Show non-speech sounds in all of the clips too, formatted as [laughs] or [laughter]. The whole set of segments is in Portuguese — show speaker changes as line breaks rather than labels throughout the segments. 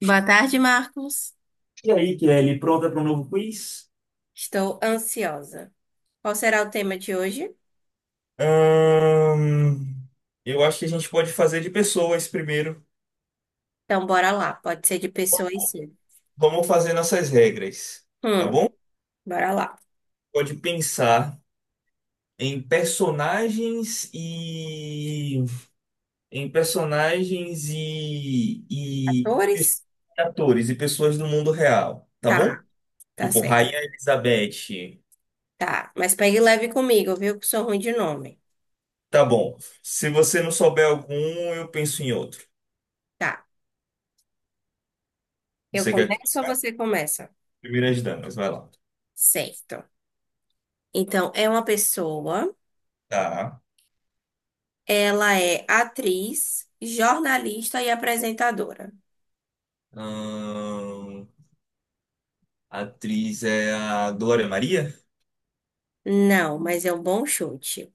Boa tarde, Marcos.
E aí, Kelly, pronta para um novo quiz?
Estou ansiosa. Qual será o tema de hoje?
Ahn, eu acho que a gente pode fazer de pessoas primeiro.
Então, bora lá. Pode ser de pessoas, sim.
Vamos fazer nossas regras, tá
Hum,
bom?
bora lá.
Pode pensar em personagens e em personagens e
Atores?
atores e pessoas do mundo real, tá bom?
Tá, tá
Tipo
certo.
Rainha Elizabeth.
Tá, mas pegue leve comigo, viu? Que sou ruim de nome.
Tá bom. Se você não souber algum, eu penso em outro.
Tá. Eu
Você quer
começo ou
começar?
você começa?
Primeiras damas, vai lá.
Certo. Então, é uma pessoa.
Tá.
Ela é atriz, jornalista e apresentadora.
Ahn, a atriz é a Glória Maria?
Não, mas é um bom chute.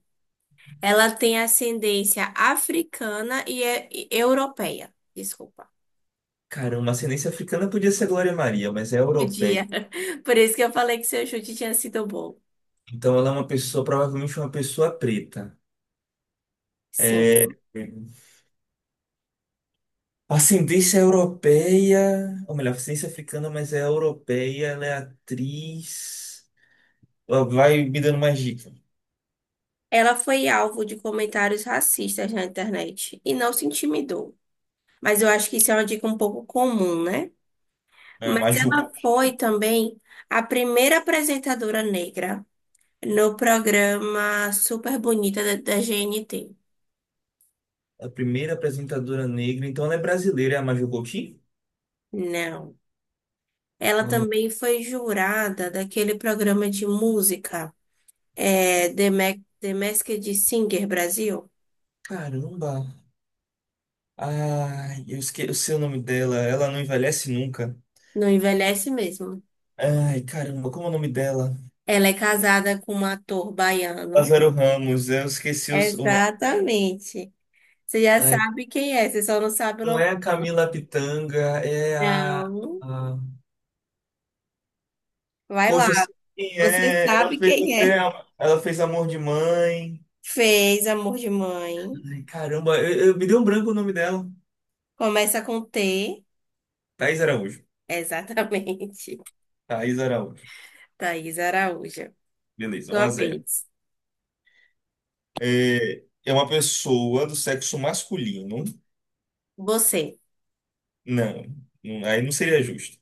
Ela tem ascendência africana e, e europeia. Desculpa.
Cara, uma ascendência africana podia ser a Glória Maria, mas é europeia.
Podia. [laughs] Por isso que eu falei que seu chute tinha sido bom.
Então ela é uma pessoa, provavelmente uma pessoa preta.
Sim.
É, ascendência europeia, ou melhor, ascendência africana, mas é europeia, ela é atriz. Ela vai me dando mais dica.
Ela foi alvo de comentários racistas na internet e não se intimidou. Mas eu acho que isso é uma dica um pouco comum, né?
É,
Mas
Maju,
ela foi também a primeira apresentadora negra no programa Super Bonita da GNT.
a primeira apresentadora negra, então ela é brasileira, é a Maju Coutinho?
Não. Ela também foi jurada daquele programa de música. É, The Masked Singer Brasil.
Caramba! Ai, eu esqueci o nome dela, ela não envelhece nunca.
Não envelhece mesmo.
Ai, caramba, como é o nome dela?
Ela é casada com um ator baiano.
Lázaro Ramos, eu esqueci o nome.
Exatamente. Você já
Ai,
sabe quem é, você só não sabe o
não
nome.
é a Camila Pitanga, é a,
Não.
a-
Vai lá.
Poxa, eu sei quem
Você
é.
sabe quem é.
Ela fez Amor de Mãe.
Fez Amor de Mãe.
Ai, caramba, me deu um branco o nome dela.
Começa com T.
Thaís Araújo.
Exatamente.
Thaís Araújo.
[laughs] Thaís Araújo.
Beleza, um
Sua
a zero.
vez.
É uma pessoa do sexo masculino.
Você.
Não, aí não seria justo.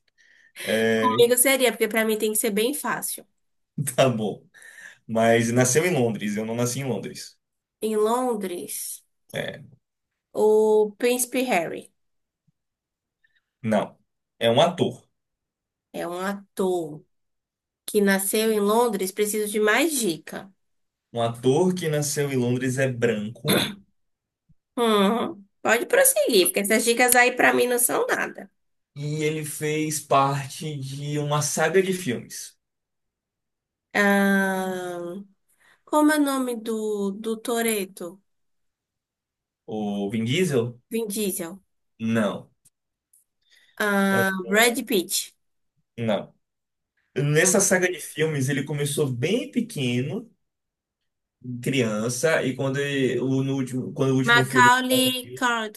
É, [laughs]
Comigo seria, porque para mim tem que ser bem fácil.
tá bom. Mas nasceu em Londres, eu não nasci em Londres.
Em Londres,
É.
o Príncipe Harry.
Não. É um ator.
É um ator que nasceu em Londres. Preciso de mais dica.
Um ator que nasceu em Londres é branco
Pode prosseguir, porque essas dicas aí pra mim não são nada.
e ele fez parte de uma saga de filmes.
Ahn, Como é o nome do, do Toretto?
O Vin Diesel?
Vin Diesel.
Não. É,
Brad Pitt.
Não. Nessa saga de filmes, ele começou bem pequeno, criança, e no último, quando o último filme
Macaulay
saiu,
Car-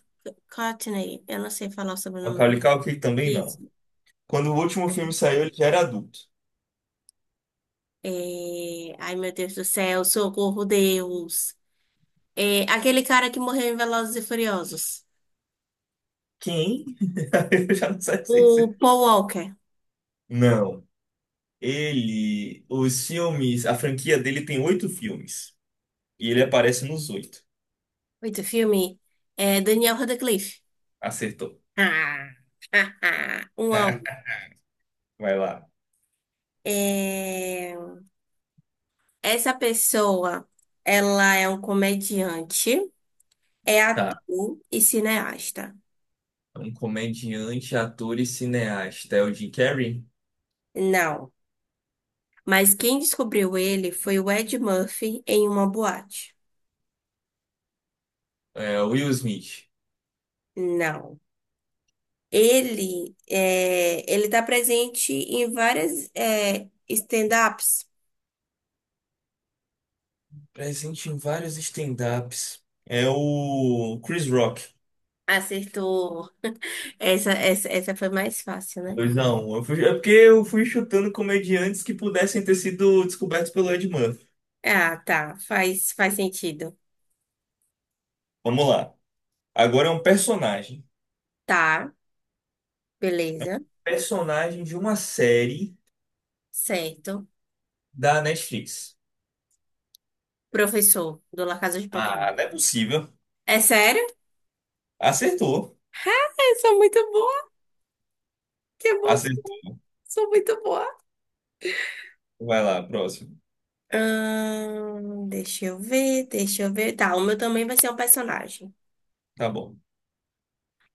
Courtney. Eu não sei falar sobre o sobrenome
Macaulay Culkin também
dele.
não.
Isso.
Quando o último filme saiu, ele já era adulto.
É, ai, meu Deus do céu, socorro, Deus. É, aquele cara que morreu em Velozes e Furiosos.
Quem? [laughs] Eu já não sei
O
se.
Paul Walker.
Não. Ele, os filmes, a franquia dele tem oito filmes. E ele aparece nos oito.
Oito filme. É Daniel Radcliffe.
Acertou.
Ah, [laughs] um a um.
[laughs] Vai lá.
É, essa pessoa, ela é um comediante, é
Tá.
ator e cineasta.
Um comediante, ator e cineasta. É o Jim Carrey?
Não. Mas quem descobriu ele foi o Ed Murphy em uma boate.
É o Will Smith.
Não. Ele é... ele está presente em várias stand-ups.
Presente em vários stand-ups. É o Chris Rock.
Acertou. Essa foi mais fácil, né?
Dois a um. É porque eu fui chutando comediantes que pudessem ter sido descobertos pelo Ed Murphy.
Ah, tá. Faz sentido.
Vamos lá. Agora é um personagem.
Tá, beleza.
Personagem de uma série
Certo.
da Netflix.
Professor do La Casa de
Ah,
Papel.
não é possível.
É sério?
Acertou.
[laughs] Ah, eu sou muito boa. Que emoção.
Acertou.
Sou muito boa.
Vai lá, próximo.
Deixa eu ver, deixa eu ver. Tá, o meu também vai ser um personagem.
Tá bom.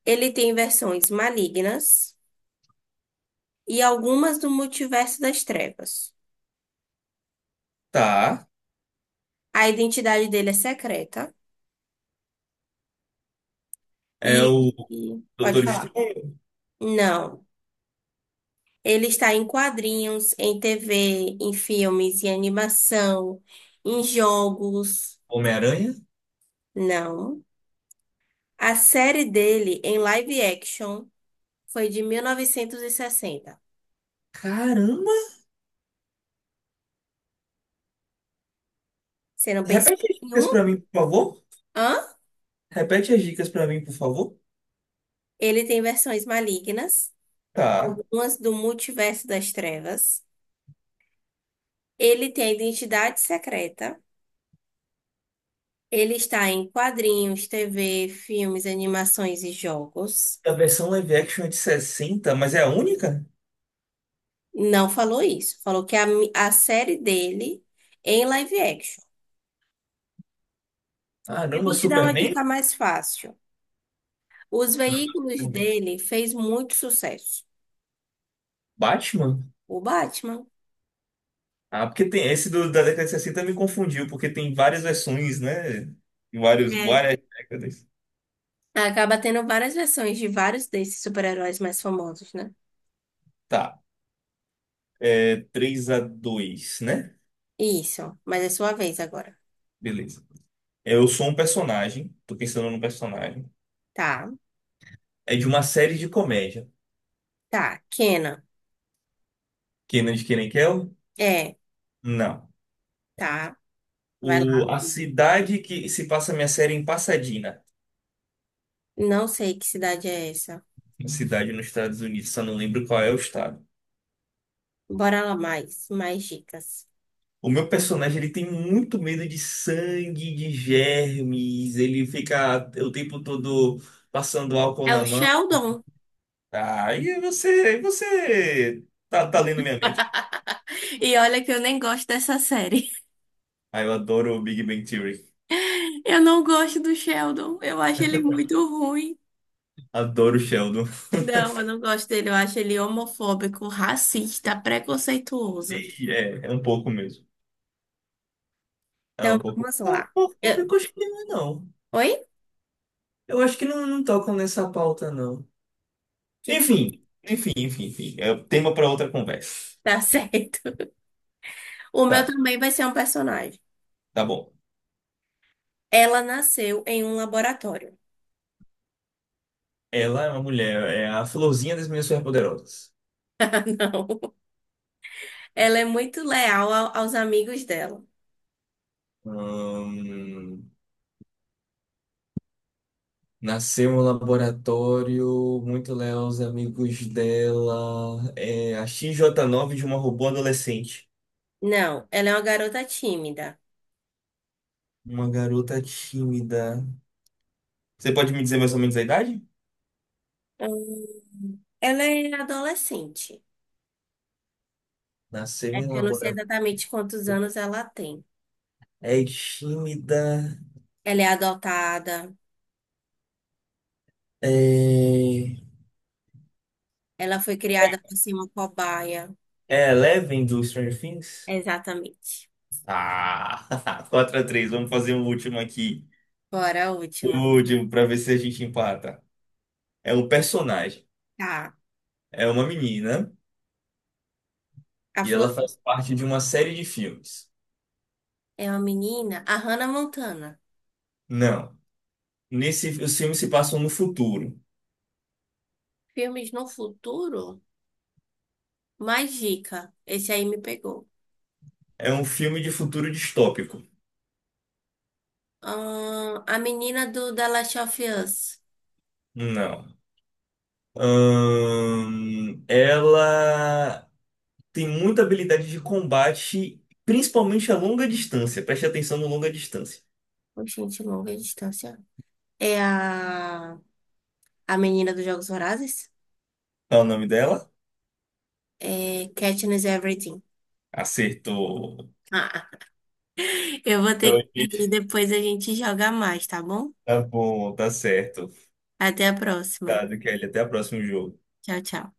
Ele tem versões malignas e algumas do multiverso das trevas.
Tá.
A identidade dele é secreta
É
e...
o
Pode
Doutor
falar.
Estranho,
Não. Ele está em quadrinhos, em TV, em filmes, em animação, em jogos.
Homem-Aranha.
Não. A série dele em live action foi de 1960.
Caramba!
Você não pensou
Repete as
em
dicas
um?
pra mim, por favor.
Hã?
Repete as dicas pra mim, por favor.
Ele tem versões malignas,
Tá.
algumas do multiverso das trevas. Ele tem a identidade secreta. Ele está em quadrinhos, TV, filmes, animações e jogos.
A versão live action é de 60, mas é a única?
Não falou isso. Falou que a série dele é em live action. Eu
Caramba,
vou te dar uma
Superman?
dica mais fácil. Os
Não,
veículos
Superman.
dele fez muito sucesso.
Batman?
O Batman.
Ah, porque tem esse da década de 60 me confundiu, porque tem várias versões, né? Em vários,
É.
várias décadas.
Acaba tendo várias versões de vários desses super-heróis mais famosos, né?
Tá. É 3 a 2, né?
Isso. Mas é sua vez agora.
Beleza. Eu sou um personagem, tô pensando num personagem.
Tá.
É de uma série de comédia.
Tá. Kenan.
Kenan de Kenan e Kel?
É.
Não.
Tá. Vai lá.
A cidade que se passa a minha série é em Pasadena,
Não sei que cidade é essa.
uma cidade nos Estados Unidos, só não lembro qual é o estado.
Bora lá mais. Mais dicas.
O meu personagem ele tem muito medo de sangue, de germes, ele fica o tempo todo passando álcool
É
na
o
mão.
Sheldon. [laughs]
Ah, e você tá lendo minha mente.
E olha que eu nem gosto dessa série.
Ah, eu adoro o Big Bang Theory.
Eu não gosto do Sheldon. Eu acho ele muito ruim.
Adoro o Sheldon.
Não, eu não gosto dele. Eu acho ele homofóbico, racista, preconceituoso.
E é um pouco mesmo. É
Então,
um pouco
vamos lá. Eu-
homofóbico, acho que não é, não.
Oi?
Eu acho que não, não tocam nessa pauta, não.
Que tá
Enfim, enfim, enfim, enfim. É tema para outra conversa.
[laughs] certo. O meu
Tá,
também vai ser um personagem.
tá bom.
Ela nasceu em um laboratório.
Ela é uma mulher, é a florzinha das minhas superpoderosas.
[laughs] Ah, não. Ela é muito leal aos amigos dela.
Hum, nasceu no laboratório, muito leal os amigos dela. É a XJ9 de uma robô adolescente.
Não, ela é uma garota tímida.
Uma garota tímida. Você pode me dizer mais ou menos a idade?
Ela é adolescente.
Nasceu
É
em
que eu não sei
laboratório.
exatamente quantos anos ela tem.
É tímida.
Ela é adotada.
É,
Ela foi criada por ser uma cobaia.
é Eleven do Stranger Things?
Exatamente.
Ah, [laughs] quatro a três. Vamos fazer o último aqui.
Bora a
O
última.
último, pra ver se a gente empata. É um personagem,
Tá.
é uma menina,
A
e
Flor
ela faz parte de uma série de filmes.
é uma menina. A Hannah Montana.
Não, nesse, os filmes se passam no futuro.
Filmes no futuro? Mais dica. Esse aí me pegou.
É um filme de futuro distópico.
A menina do The Last of Us.
Não. Ela tem muita habilidade de combate, principalmente a longa distância. Preste atenção no longa distância.
Ô, gente, longa distância. É a menina dos Jogos Vorazes?
Qual é o nome dela?
É Katniss Everdeen.
Acertou.
Ah, eu vou
Então,
ter que
ele-
ir depois a gente joga mais, tá bom?
Tá bom, tá certo.
Até a próxima.
Tá, Kelly, até a próxima jogo.
Tchau, tchau.